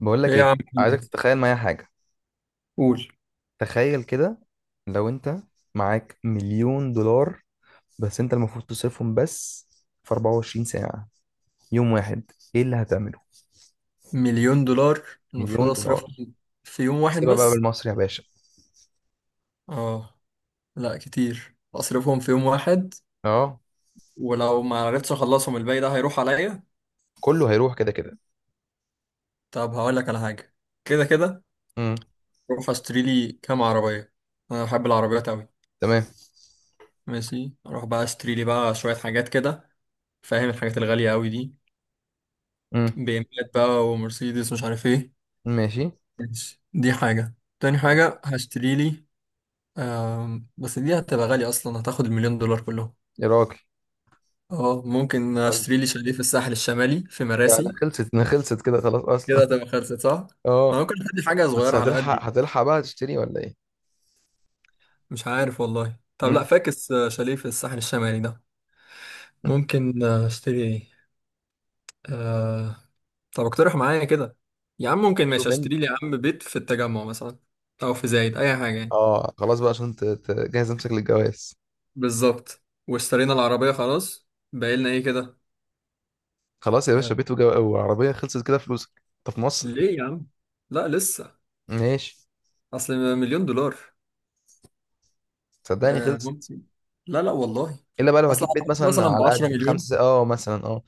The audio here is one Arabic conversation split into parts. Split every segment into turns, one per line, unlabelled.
بقول
ايه
لك
يا
ايه،
عم، في
عايزك
إيه؟
تتخيل معايا حاجه.
قول.
تخيل كده، لو انت معاك مليون دولار بس انت المفروض تصرفهم بس في 24 ساعه، يوم واحد. ايه اللي هتعمله؟
مليون دولار المفروض
مليون دولار.
اصرفهم في يوم واحد
احسبها بقى
بس.
بالمصري يا باشا.
اه، لا كتير اصرفهم في يوم واحد.
اه،
ولو ما عرفتش اخلصهم الباقي ده هيروح عليا.
كله هيروح كده كده.
طب هقول لك على حاجه. كده كده
امم.
اروح اشتري لي كام عربيه، انا بحب العربيات قوي.
تمام.
ماشي اروح بقى اشتري لي بقى شويه حاجات كده، فاهم الحاجات الغاليه قوي دي،
امم.
بي ام بقى ومرسيدس مش عارف ايه.
ماشي.
ماشي دي حاجه، تاني
تمام.
حاجه هشتري لي. بس دي هتبقى غالية أصلا، هتاخد المليون دولار كلهم.
يا راجل.
اه ممكن
طيب.
اشتري لي شاليه في الساحل الشمالي في
ده
مراسي.
خلصت، ده خلصت كده خلاص اصلا.
كده تبقى خلصت، صح؟
اه.
ما ممكن ادي حاجة
بس
صغيرة على قدي
هتلحق
كده.
هتلحق بقى تشتري ولا ايه؟
مش عارف والله. طب لا
امم.
فاكس، شاليه في الساحل الشمالي ده ممكن. اشتري ايه؟ آه... طب اقترح معايا كده. يا عم ممكن ماشي
شوف انت.
اشتري لي يا عم بيت في التجمع مثلا، او في زايد اي حاجة يعني.
اه، خلاص بقى عشان تجهز نفسك للجواز.
بالظبط. واشترينا العربية خلاص، باقي لنا ايه كده؟
خلاص يا باشا،
آه...
بيت وعربية، خلصت كده فلوسك. انت في مصر.
ليه يا عم؟ لا لسه.
ماشي.
اصل مليون دولار.
صدقني
آه
خلصت.
ممكن. لا لا والله.
الا بقى لو
اصل
هتجيب بيت
أعتقد
مثلا
مثلا ب
على
10
قد
مليون،
خمسة، اه مثلا اه.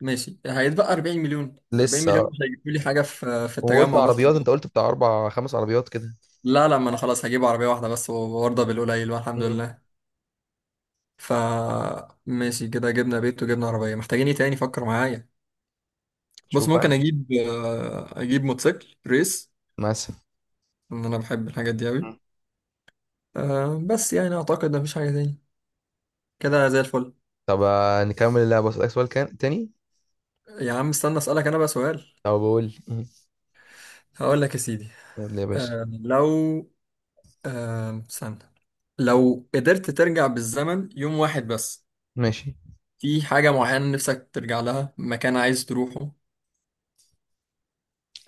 ماشي هيتبقى 40 مليون. 40
لسه
مليون
آه.
مش هيجيبوا لي حاجه في
وقلت
التجمع مثلا؟
عربيات، انت قلت بتاع اربع خمس عربيات كده.
لا لا، ما انا خلاص هجيب عربيه واحده بس وارضى بالقليل والحمد
مم.
لله. ف ماشي كده جبنا بيت وجبنا عربيه، محتاجين ايه تاني؟ فكر معايا. بص
شوف بقى
ممكن
انت
اجيب، اجيب موتوسيكل ريس،
مثلا.
ان انا بحب الحاجات دي قوي.
مم.
أه بس يعني اعتقد مفيش حاجه تاني، كده زي الفل.
طب، نكمل اللعبة، اسألك سؤال كان تاني.
يا عم استنى اسالك انا بقى سؤال.
او بقول لي مم.
هقول لك يا سيدي.
قول لي يا باشا.
لو، استنى. لو قدرت ترجع بالزمن يوم واحد بس،
ماشي.
في حاجة معينة نفسك ترجع لها؟ مكان عايز تروحه؟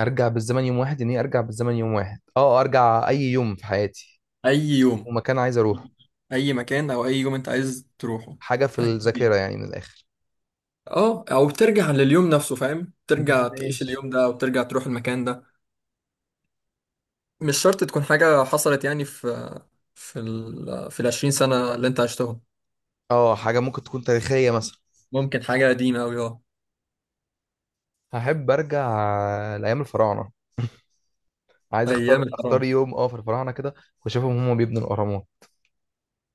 ارجع بالزمن يوم واحد، يعني ايه ارجع بالزمن يوم واحد؟ اه، ارجع اي يوم في حياتي
أي يوم،
ومكان عايز اروح؟
أي مكان أو أي يوم أنت عايز تروحه
حاجة في
هيكون إيه؟
الذاكرة يعني، من الاخر.
اه، او ترجع لليوم نفسه فاهم، ترجع تعيش
ماشي.
اليوم ده او ترجع تروح المكان ده. مش شرط تكون حاجة حصلت يعني في في ال في العشرين سنة اللي انت عشتهم.
اه، حاجة ممكن تكون تاريخية مثلا.
ممكن حاجة قديمة أوي اه.
هحب ارجع لايام الفراعنه. عايز اختار
أيام
اختار
الحرام.
يوم اه في الفراعنه كده، واشوفهم هم بيبنوا الاهرامات.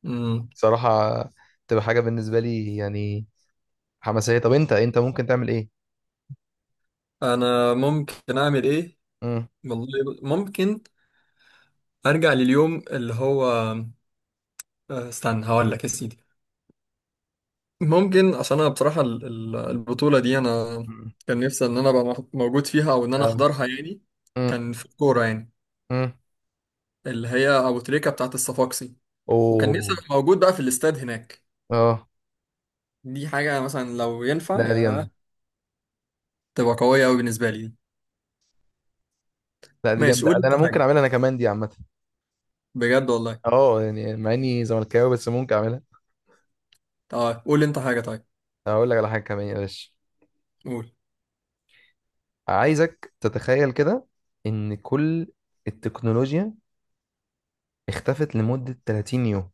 امم
صراحه تبقى حاجه بالنسبه لي يعني حماسيه. طب انت ممكن تعمل ايه؟
أنا ممكن أعمل إيه؟
امم.
والله ممكن ارجع لليوم اللي هو، استنى هقول لك يا سيدي. ممكن عشان انا بصراحه البطوله دي انا كان نفسي ان انا ابقى موجود فيها او ان انا
اه.
احضرها يعني.
امم.
كان في الكوره يعني،
امم.
اللي هي ابو تريكه بتاعه الصفاقسي، وكان نفسي
اوه.
ابقى موجود بقى في الاستاد هناك.
اه.
دي حاجه مثلا لو ينفع
لا دي
يا،
جامده.
تبقى قويه قوي بالنسبه لي دي.
لا دي
ماشي
جامده،
قول
ده انا
انت
ممكن
حاجه،
اعملها انا كمان، دي عامه.
بجد والله.
اه، يعني مع اني زملكاوي بس ممكن اعملها.
اه قول انت حاجه طيب.
هقول لك على حاجه كمان يا باشا.
قول.
عايزك تتخيل كده ان كل التكنولوجيا اختفت لمده 30 يوم.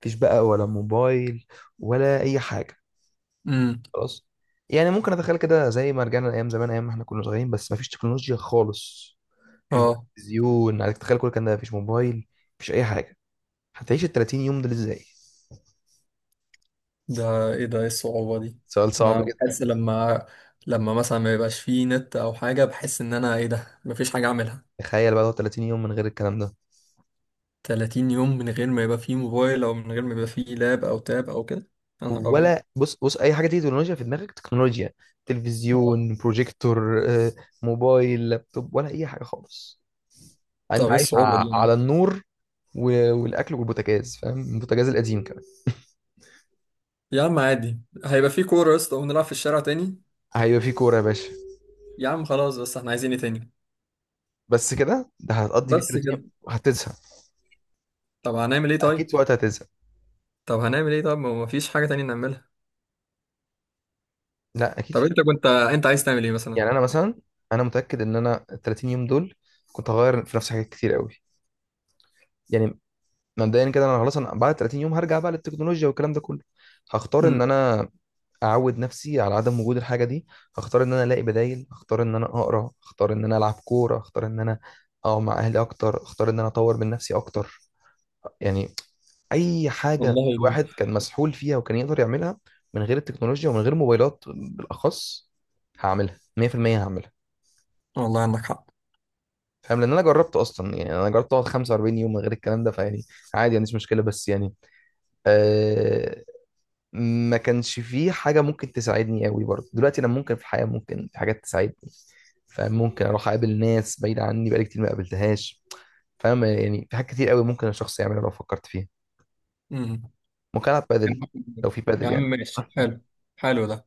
مفيش بقى ولا موبايل ولا اي حاجه
امم
خلاص. يعني ممكن اتخيل كده زي ما رجعنا لايام زمان، ايام ما احنا كنا صغيرين بس مفيش تكنولوجيا خالص. مفيش بقى
اه.
تلفزيون، عليك تتخيل كل الكلام ده، مفيش موبايل، مفيش اي حاجه. هتعيش ال 30 يوم دول ازاي؟
ده ايه، ده ايه الصعوبة دي؟
سؤال
ده
صعب
انا
جدا.
بحس لما، لما مثلا ما يبقاش فيه نت او حاجة بحس ان انا ايه ده، مفيش حاجة اعملها.
تخيل بقى لو 30 يوم من غير الكلام ده.
30 يوم من غير ما يبقى فيه موبايل او من غير ما يبقى فيه لاب او تاب او كده، يا نهار ابيض.
ولا بص بص، اي حاجه تيجي تكنولوجيا في دماغك، تكنولوجيا،
اه.
تلفزيون، بروجيكتور، موبايل، لابتوب، ولا اي حاجه خالص.
طب
انت
ايه
عايش
الصعوبة دي يا عم؟
على النور والاكل والبوتاجاز، فاهم البوتاجاز القديم كمان.
يا عم عادي، هيبقى فيه كورة يا اسطى ونلعب في الشارع تاني.
هيبقى في كوره يا باشا.
يا عم خلاص بس احنا عايزين ايه تاني؟
بس كده، ده هتقضي بيه
بس
30
كده.
يوم، هتزهق.
طب هنعمل ايه طيب؟
اكيد في وقت هتزهق.
طب هنعمل ايه طيب، ما هو مفيش حاجة تانية نعملها.
لا اكيد
طب انت كنت انت عايز تعمل ايه مثلا؟
يعني انا مثلا، انا متاكد ان انا ال 30 يوم دول كنت هغير في نفسي حاجات كتير قوي. يعني مبدئيا كده، انا خلاص انا بعد 30 يوم هرجع بقى للتكنولوجيا والكلام ده كله. هختار ان
امم
انا اعود نفسي على عدم وجود الحاجه دي، هختار ان انا الاقي بدايل، هختار ان انا اقرا، هختار ان انا العب كوره، هختار ان انا اقعد مع اهلي اكتر، هختار ان انا اطور من نفسي اكتر. يعني اي حاجه
والله.
الواحد كان مسحول فيها وكان يقدر يعملها من غير التكنولوجيا ومن غير موبايلات بالاخص، هعملها 100%، هعملها.
والله عندك حق.
فاهم، لان انا جربت اصلا. يعني انا جربت اقعد 45 يوم من غير الكلام ده. فيعني عادي، ما عنديش مشكله، بس يعني آه، ما كانش فيه حاجه ممكن تساعدني قوي برضه، دلوقتي انا ممكن في الحياه ممكن في حاجات تساعدني. فممكن اروح اقابل ناس بعيده عني بقالي كتير ما قابلتهاش. فاهم، يعني في حاجات كتير قوي ممكن الشخص يعملها لو فكرت فيها.
امم
ممكن العب
يا
بادل،
عم.
لو في
يا
بادل
عم
يعني.
ماشي حلو، حلو ده.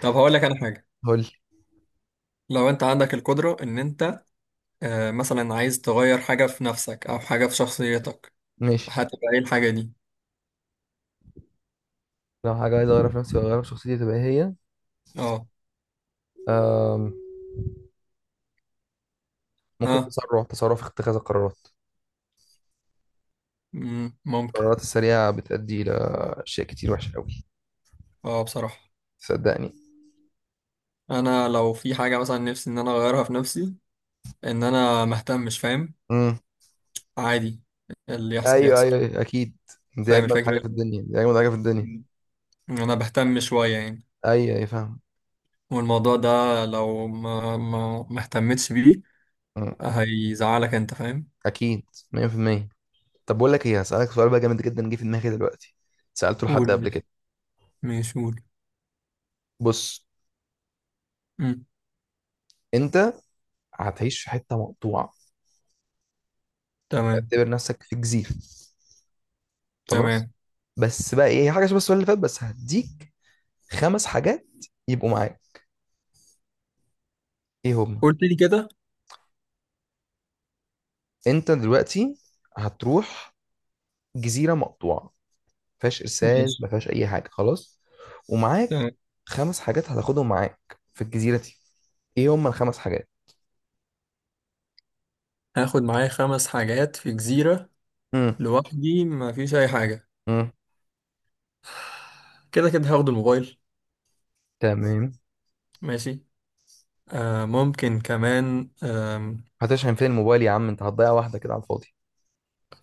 طب هقول لك انا حاجه.
قول لي.
لو انت عندك القدره ان انت، مثلا عايز تغير حاجه في نفسك او حاجه في شخصيتك،
ماشي.
هتبقى ايه الحاجه دي؟
لو حاجة عايز أغيرها في نفسي وأغيرها في شخصيتي، تبقى إيه هي؟
اه.
أم، ممكن
ها.
تسرع في اتخاذ القرارات.
ممكن.
القرارات السريعة بتؤدي لأشياء كتير وحشة أوي.
اه بصراحه،
صدقني.
انا لو في حاجه مثلا نفسي ان انا اغيرها في نفسي، ان انا مهتمش فاهم.
امم.
عادي، اللي يحصل
أيوه
يحصل.
أيوه أيوه، أكيد. دي
فاهم
أجمل
الفكره
حاجة في
دي.
الدنيا، دي أجمل حاجة في الدنيا.
مم. انا بهتم شويه يعني،
أيوه أيوه فاهم.
والموضوع ده لو ما اهتمتش بيه
مم.
هيزعلك انت فاهم.
أكيد. 100%. طب بقول لك إيه، هسألك سؤال بقى جامد جدا جه في دماغي دلوقتي، سألته لحد قبل
قول.
كده.
ماشي قول.
بص.
مم.
أنت هتعيش في حتة مقطوعة،
تمام.
اعتبر نفسك في جزيرة. خلاص.
تمام.
بس بقى إيه هي، حاجة شبه السؤال اللي فات، بس هديك خمس حاجات يبقوا معاك، ايه هم؟
قلت لي كده.
انت دلوقتي هتروح جزيره مقطوعه ما فيهاش ارسال،
ماشي.
ما فيهاش اي حاجه خلاص. ومعاك
تمام.
خمس حاجات هتاخدهم معاك في الجزيره دي، ايه هم الخمس حاجات؟
هاخد معايا خمس حاجات في جزيرة
امم.
لوحدي ما فيش أي حاجة.
امم.
كده كده هاخد الموبايل.
تمام.
ماشي. آه ممكن كمان،
هتشحن فين الموبايل يا عم، انت هتضيع واحده كده على الفاضي.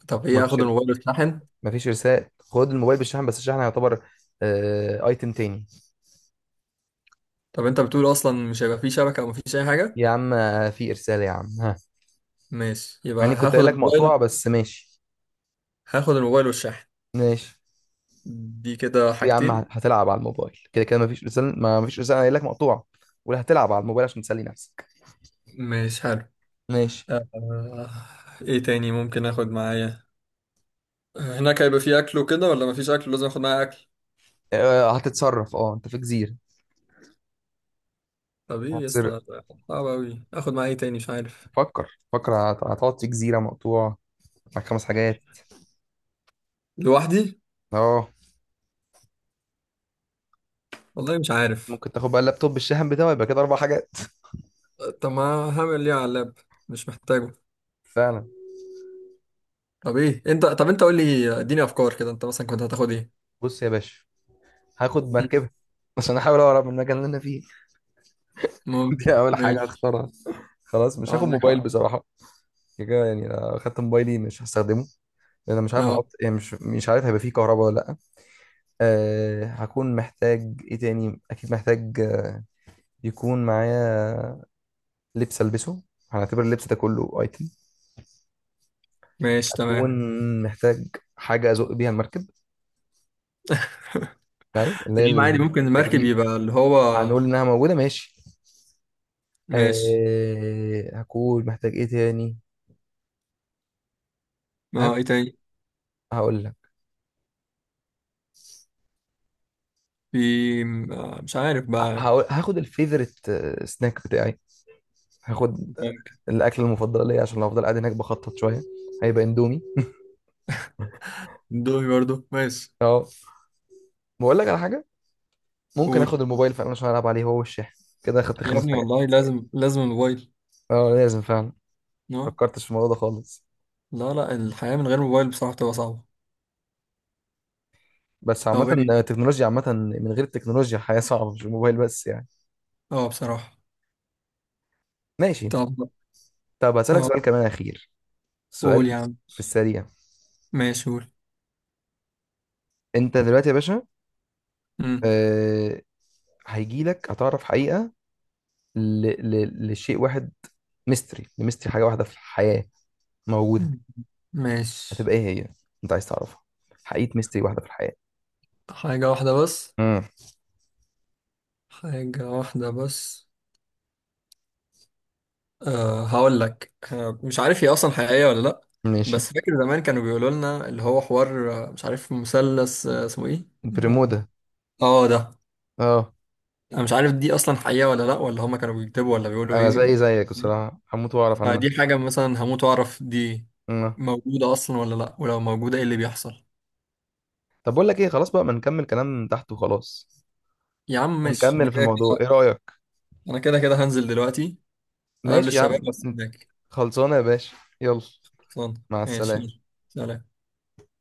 طب
ما
ايه،
فيش
هاخد الموبايل واتشحن.
ما فيش ارسال. خد الموبايل بالشحن، بس الشحن يعتبر ايتم تاني.
طب انت بتقول اصلا مش هيبقى فيه شبكة او مفيش اي حاجة؟
يا عم في ارسال يا عم، ها.
ماشي يبقى
يعني كنت
هاخد
قايل لك مقطوعه
الموبايل.
بس ماشي.
هاخد الموبايل والشحن،
ماشي
دي كده
يا عم،
حاجتين.
هتلعب على الموبايل كده كده؟ مفيش رسالة، ما مفيش رسالة قايل لك مقطوعة. ولا هتلعب على الموبايل عشان تسلي نفسك؟
ماشي حلو.
ماشي.
آه. ايه تاني ممكن اخد معايا؟ هناك هيبقى فيه اكل وكده ولا مفيش اكل لازم اخد معايا اكل؟
هتتصرف، اه انت في جزيرة.
طب ايه يا
هتصر
اسطى، صعب اوي. اخد معايا ايه تاني مش عارف.
فكر فكر، هتقعد في جزيرة مقطوع، معاك خمس حاجات.
لوحدي.
اه،
والله مش عارف.
ممكن تاخد بقى اللابتوب بالشاحن بتاعه يبقى كده اربع حاجات.
طب ما هعمل ايه على اللاب، مش محتاجه.
فعلا.
طب ايه انت، طب انت قول لي اديني افكار كده، انت مثلا كنت هتاخد ايه؟
بص يا باشا، هاخد
مم،
مركبة عشان احاول اهرب من المكان اللي انا فيه.
ممكن،
دي اول حاجة
ماشي.
هختارها. خلاص مش
اه
هاخد
عندك
موبايل
حق.
بصراحة، كده يعني اخدت موبايلي مش هستخدمه، لان انا مش عارف
اه.
احط، يعني مش عارف هيبقى فيه كهرباء ولا لا. هكون محتاج ايه تاني؟ اكيد محتاج، يكون معايا لبس، البسه، هنعتبر اللبس ده كله ايتم.
ماشي
اكون
تمام.
محتاج حاجه ازق بيها المركب، يعني اللي هي
تمام عادي،
تمام
ممكن المركب
التجديف.
يبقى اللي هو.
هنقول انها موجوده ماشي.
ماشي.
هكون محتاج ايه تاني؟
اه
هاخ-
ايه تاني؟
هقول لك.
في، مش عارف بقى.
هاخد الفيفوريت سناك بتاعي، هاخد
ممكن.
الاكل المفضل ليا عشان لو افضل قاعد هناك بخطط شويه، هيبقى اندومي.
دومي برضو ماشي.
اه. بقول لك على حاجه، ممكن اخد
قول.
الموبايل فعلا عشان العب عليه، هو والشاحن، كده اخدت
يا
خمس
ابني
حاجات.
والله لازم، الموبايل.
اه لازم فعلا،
اه.
فكرتش في الموضوع ده خالص.
لا لا، الحياة من غير موبايل بصراحة بتبقى صعبة.
بس عامة
طب ايه.
التكنولوجيا عامة، من غير التكنولوجيا الحياة صعبة، مش الموبايل بس يعني.
اه بصراحة.
ماشي.
طب.
طب هسألك
اه.
سؤال كمان أخير،
قول
سؤال
يا عم.
في السريع.
ماشي قول.
أنت دلوقتي يا باشا،
مم.
آه هيجيلك هتعرف حقيقة لشيء واحد، لميستري حاجة واحدة في الحياة موجودة،
مم. ماشي.
هتبقى إيه هي؟ أنت عايز تعرفها، حقيقة ميستري واحدة في الحياة.
حاجة واحدة بس؟
امم.
حاجة واحدة بس، أه هقول لك، أه مش عارف هي أصلا حقيقية ولا لأ،
ماشي.
بس فاكر زمان كانوا بيقولوا لنا اللي هو حوار، مش عارف مثلث، اسمه ايه. لا.
برمودا.
اه ده.
اه.
انا مش عارف دي اصلا حقيقة ولا لأ، ولا هما كانوا بيكتبوا ولا بيقولوا
انا زي
ايه.
زيك بصراحه، هموت واعرف عنها.
فدي حاجة مثلا هموت وأعرف دي
مم.
موجودة أصلا ولا لأ، ولو موجودة إيه اللي بيحصل.
طب بقول لك ايه، خلاص بقى ما نكمل كلام تحت وخلاص
يا عم ماشي، أنا
ونكمل في
كده
الموضوع،
كده،
ايه رايك؟
أنا كده كده هنزل دلوقتي أقابل
ماشي يا
الشباب
عم.
بس هناك.
خلصانه يا باشا يلا.
خلصان.
مع
ماشي يلا.
السلامه.
سلام.